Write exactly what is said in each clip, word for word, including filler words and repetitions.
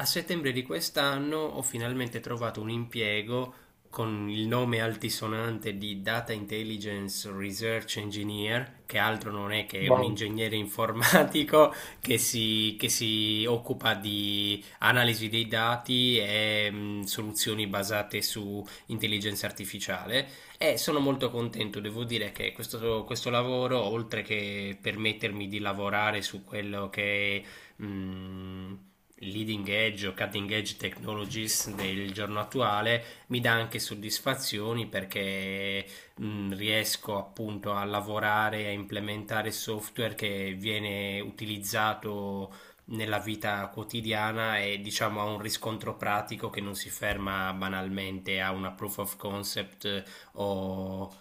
A settembre di quest'anno ho finalmente trovato un impiego con il nome altisonante di Data Intelligence Research Engineer, che altro non è che un Wow, ingegnere informatico che si, che si occupa di analisi dei dati e mh, soluzioni basate su intelligenza artificiale. E sono molto contento, devo dire che questo, questo lavoro, oltre che permettermi di lavorare su quello che mh, leading edge o cutting edge technologies del giorno attuale mi dà anche soddisfazioni perché mh, riesco appunto a lavorare, a implementare software che viene utilizzato nella vita quotidiana e diciamo ha un riscontro pratico che non si ferma banalmente a una proof of concept o,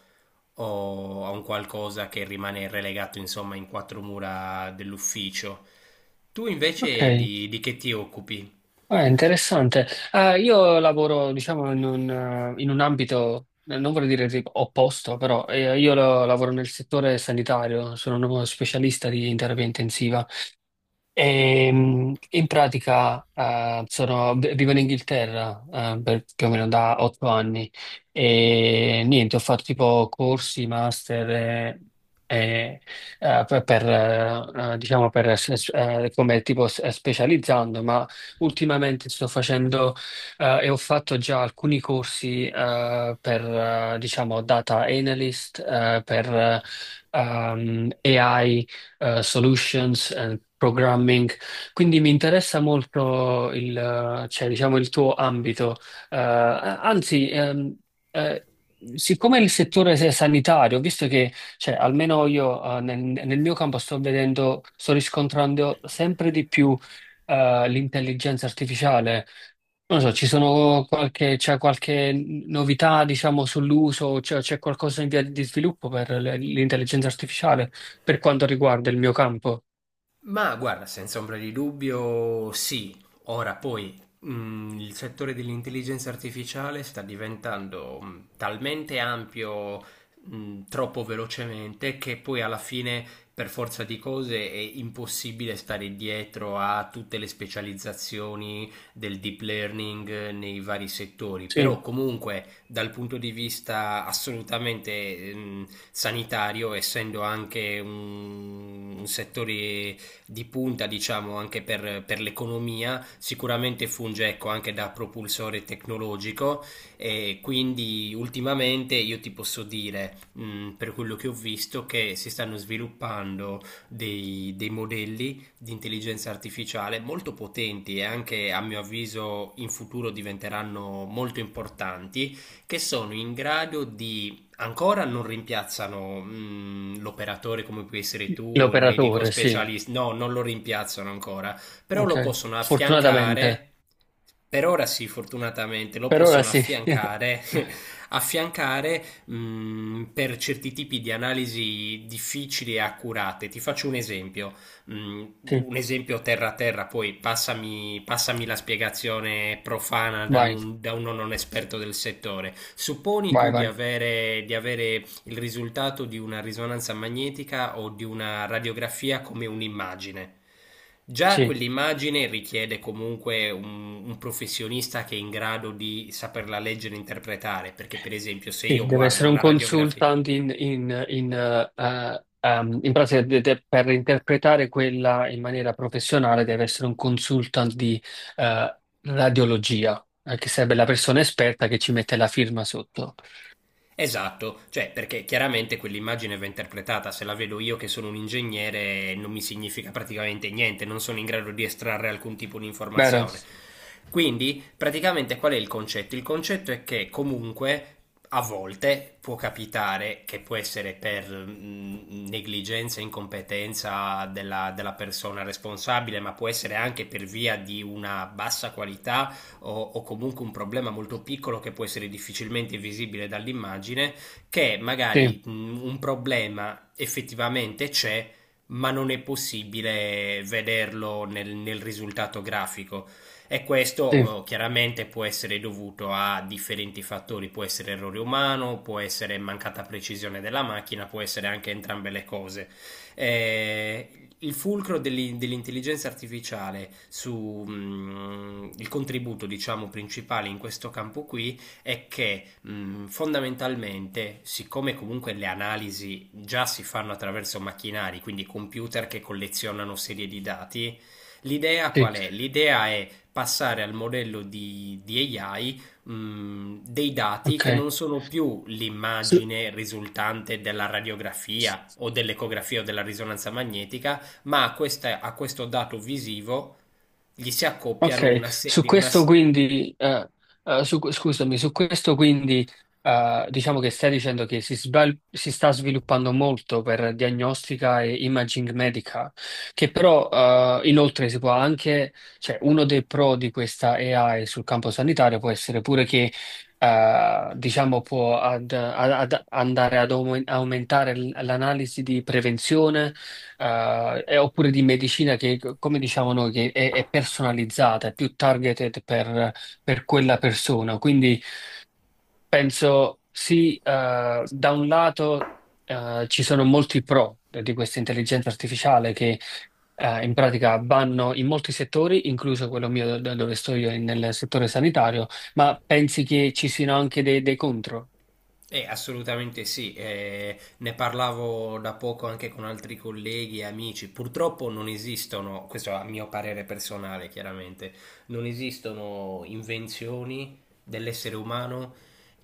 o a un qualcosa che rimane relegato, insomma, in quattro mura dell'ufficio. Tu ok, invece di, di che ti occupi? Eh, interessante. Eh, io lavoro, diciamo, in un, eh, in un ambito, eh, non vorrei dire tipo opposto, però eh, io lo- lavoro nel settore sanitario, sono uno specialista di terapia intensiva. E, mh, in pratica eh, sono- v- vivo in Inghilterra eh, per più o meno da otto anni e niente, ho fatto tipo corsi, master eh, eh, eh, per, per, eh, eh, diciamo per s- eh, come tipo s- eh, specializzando, ma ultimamente sto facendo eh, e ho fatto già alcuni corsi eh, per eh, diciamo data analyst, eh, per eh, ehm, A I eh, solutions and programming. Quindi mi interessa molto il, eh, cioè, diciamo, il tuo ambito. Eh, anzi, ehm, eh, siccome il settore se- sanitario, ho visto che, cioè, almeno io, eh, nel, nel mio campo sto vedendo, sto riscontrando sempre di più, eh, l'intelligenza artificiale, non so, ci sono qualche, c'è qualche novità, diciamo, sull'uso, cioè c'è qualcosa in via di sviluppo per le- l'intelligenza artificiale per quanto riguarda il mio campo? Ma guarda, senza ombra di dubbio, sì. Ora poi mh, il settore dell'intelligenza artificiale sta diventando mh, talmente ampio, mh, troppo velocemente, che poi alla fine, per forza di cose, è impossibile stare dietro a tutte le specializzazioni del deep learning eh, nei vari settori. Però Sì, comunque, dal punto di vista assolutamente mh, sanitario, essendo anche un un settore di punta, diciamo, anche per, per l'economia, sicuramente funge, ecco, anche da propulsore tecnologico e quindi ultimamente io ti posso dire, mh, per quello che ho visto, che si stanno sviluppando dei, dei modelli di intelligenza artificiale molto potenti e anche, a mio avviso, in futuro diventeranno molto importanti, che sono in grado di ancora non rimpiazzano mm, l'operatore come puoi essere tu o il medico l'operatore, sì, specialista, no, non lo rimpiazzano ancora, però ok. lo possono Fortunatamente, affiancare. Per ora sì, fortunatamente lo per ora possono sì. affiancare, affiancare mm, per certi tipi di analisi difficili e accurate. Ti faccio un esempio, mm, Sì, un esempio terra a terra, poi passami, passami la spiegazione profana da, vai, non- da uno non esperto del settore. Supponi vai, tu di vai. avere, di avere il risultato di una risonanza magnetica o di una radiografia come un'immagine. Già Sì. quell'immagine richiede comunque un, un professionista che è in grado di saperla leggere e interpretare, perché per esempio se Sì, io deve guardo essere un una radiografia, consultant in, in- in, eh, eh, ehm, in pratica de- de- per interpretare quella in maniera professionale deve essere un consultant di eh, radiologia, eh, che sarebbe la persona esperta che ci mette la firma sotto. esatto, cioè perché chiaramente quell'immagine va interpretata, se la vedo io che sono un ingegnere non mi significa praticamente niente, non sono in grado di estrarre alcun tipo di Vero? informazione. Quindi praticamente qual è il concetto? Il concetto è che comunque a volte può capitare che può essere per mh, negligenza, incompetenza della, della persona responsabile, ma può essere anche per via di una bassa qualità o, o comunque un problema molto piccolo che può essere difficilmente visibile dall'immagine, che Sì, magari mh, un problema effettivamente c'è, ma non è possibile vederlo nel, nel risultato grafico. E questo sì, eh, chiaramente può essere dovuto a differenti fattori, può essere errore umano, può essere mancata precisione della macchina, può essere anche entrambe le cose eh, il fulcro dell'in- dell'intelligenza artificiale sul contributo, diciamo, principale in questo campo qui è che mh, fondamentalmente, siccome comunque le analisi già si fanno attraverso macchinari, quindi computer che collezionano serie di dati, l'idea sì, qual è? L'idea è passare al modello di, di A I mh, dei dati ok. che non sono più l'immagine risultante della radiografia o dell'ecografia o della risonanza magnetica, ma a, questa- a questo dato visivo gli si accoppiano Ok, una, se- su una questo s- quindi, eh, eh, su- scusami, su questo quindi eh, diciamo che stai dicendo che si, sval- si sta sviluppando molto per diagnostica e imaging medica, che però eh, inoltre si può anche, cioè uno dei pro di questa A I sul campo sanitario può essere pure che eh, diciamo può ad- ad- ad- andare ad aumen- aumentare l- l'analisi di prevenzione eh, e oppure di medicina che, come diciamo noi, che è, è personalizzata, è più targeted per, per quella persona. Quindi penso sì, eh, da un lato eh, ci sono molti pro di questa intelligenza artificiale che eh, in pratica vanno in molti settori, incluso quello mio da dove sto io, in- nel settore sanitario, ma pensi che ci siano anche dei, dei contro? Eh, assolutamente sì, eh, ne parlavo da poco anche con altri colleghi e amici. Purtroppo non esistono, questo a mio parere personale, chiaramente, non esistono invenzioni dell'essere umano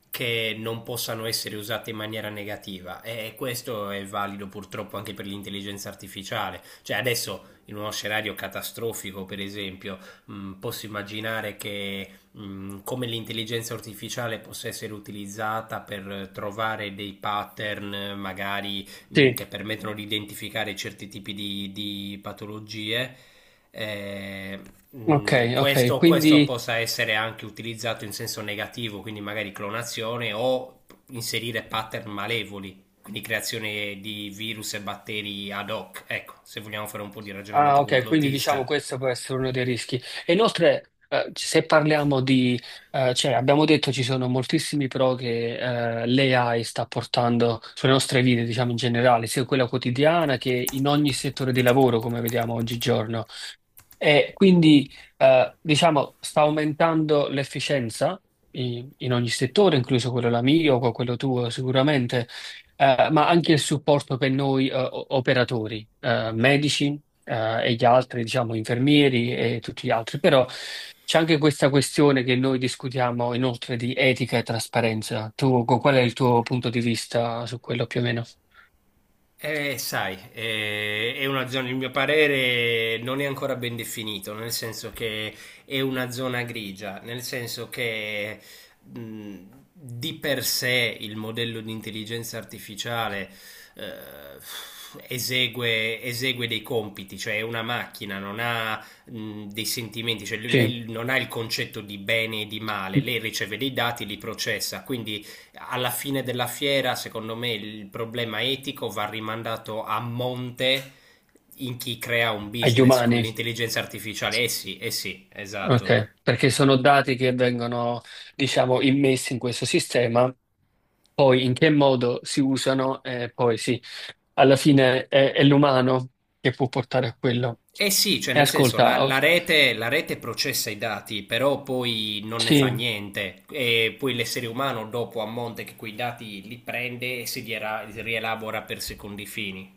che non possano essere usate in maniera negativa e questo è valido purtroppo anche per l'intelligenza artificiale. Cioè adesso in uno scenario catastrofico, per esempio, mh, posso immaginare che mh, come l'intelligenza artificiale possa essere utilizzata per trovare dei pattern magari mh, Sì. che permettono di identificare certi tipi di, di patologie. eh, Ok, mh, ok, questo, questo quindi possa essere anche utilizzato in senso negativo, quindi magari clonazione o inserire pattern malevoli, quindi creazione di virus e batteri ad hoc. Ecco, se vogliamo fare un po' di ah, ragionamento ok, quindi diciamo complottista. questo può essere uno dei rischi. E inoltre, eh, se parliamo di, eh, cioè abbiamo detto ci sono moltissimi pro che eh, l'A I sta portando sulle nostre vite, diciamo in generale, sia quella quotidiana che in ogni settore di lavoro, come vediamo oggigiorno. E quindi, eh, diciamo, sta aumentando l'efficienza in, in ogni settore, incluso quello la mio, co- quello tuo sicuramente, eh, ma anche il supporto per noi, eh, o- operatori, eh, medici, eh, e gli altri, diciamo, infermieri e tutti gli altri. Però c'è anche questa questione che noi discutiamo inoltre di etica e trasparenza. Tu, co- qual è il tuo punto di vista su quello più o meno? Eh, sai, eh, è una zona, il mio parere non è ancora ben definito, nel senso che è una zona grigia, nel senso che mh, di per sé il modello di intelligenza artificiale eh, esegue, esegue dei compiti, cioè è una macchina, non ha mh, dei sentimenti, cioè Sì, lei non ha il concetto di bene e di male, lei riceve dei dati, li processa, quindi alla fine della fiera, secondo me, il problema etico va rimandato a monte in chi crea un agli business con umani. l'intelligenza artificiale. Eh sì, eh sì, esatto. Ok, perché sono dati che vengono, diciamo, immessi in questo sistema, poi in che modo si usano, e poi sì, alla fine è, è l'umano che può portare a quello. Eh sì, cioè E nel senso la, ascolta, oh, la rete, la rete processa i dati, però poi non ne fa sì. niente. E poi l'essere umano dopo a monte che quei dati li prende e si riela- rielabora per secondi fini.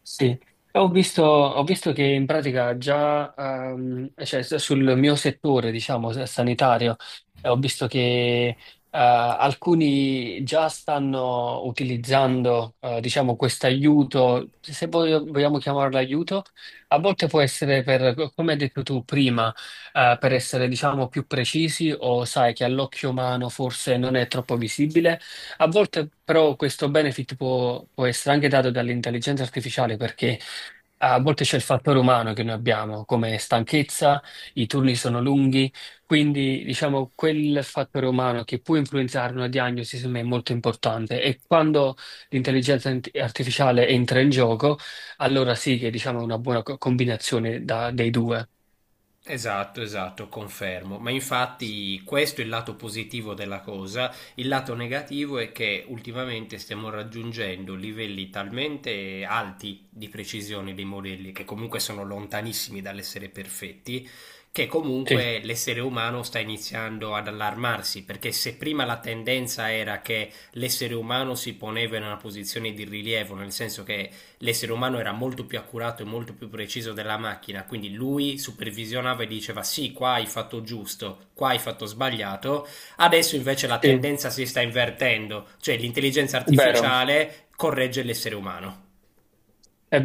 Sì, ho visto, ho visto che in pratica già, ehm, cioè, s- sul mio settore, diciamo, s- sanitario, eh, ho visto che eh, alcuni già stanno utilizzando, eh, diciamo, questo aiuto, se voglio- vogliamo chiamarlo aiuto, a volte può essere per, come hai detto tu prima, eh, per essere, diciamo, più precisi o sai che all'occhio umano forse non è troppo visibile. A volte però questo benefit può, può essere anche dato dall'intelligenza artificiale perché eh, a volte c'è il fattore umano che noi abbiamo, come stanchezza, i turni sono lunghi, quindi diciamo quel fattore umano che può influenzare una diagnosi secondo me è molto importante e quando l'intelligenza int- artificiale entra in gioco, allora sì che diciamo è una buona co- combinazione da- dei due. Esatto, esatto, confermo. Ma infatti questo è il lato positivo della cosa. Il lato negativo è che ultimamente stiamo raggiungendo livelli talmente alti di precisione dei modelli, che comunque sono lontanissimi dall'essere perfetti, che Sì, comunque l'essere umano sta iniziando ad allarmarsi, perché se prima la tendenza era che l'essere umano si poneva in una posizione di rilievo, nel senso che l'essere umano era molto più accurato e molto più preciso della macchina, quindi lui supervisionava e diceva sì, qua hai fatto giusto, qua hai fatto sbagliato, adesso invece la sì, tendenza si sta invertendo, cioè l'intelligenza è vero, artificiale corregge l'essere umano. è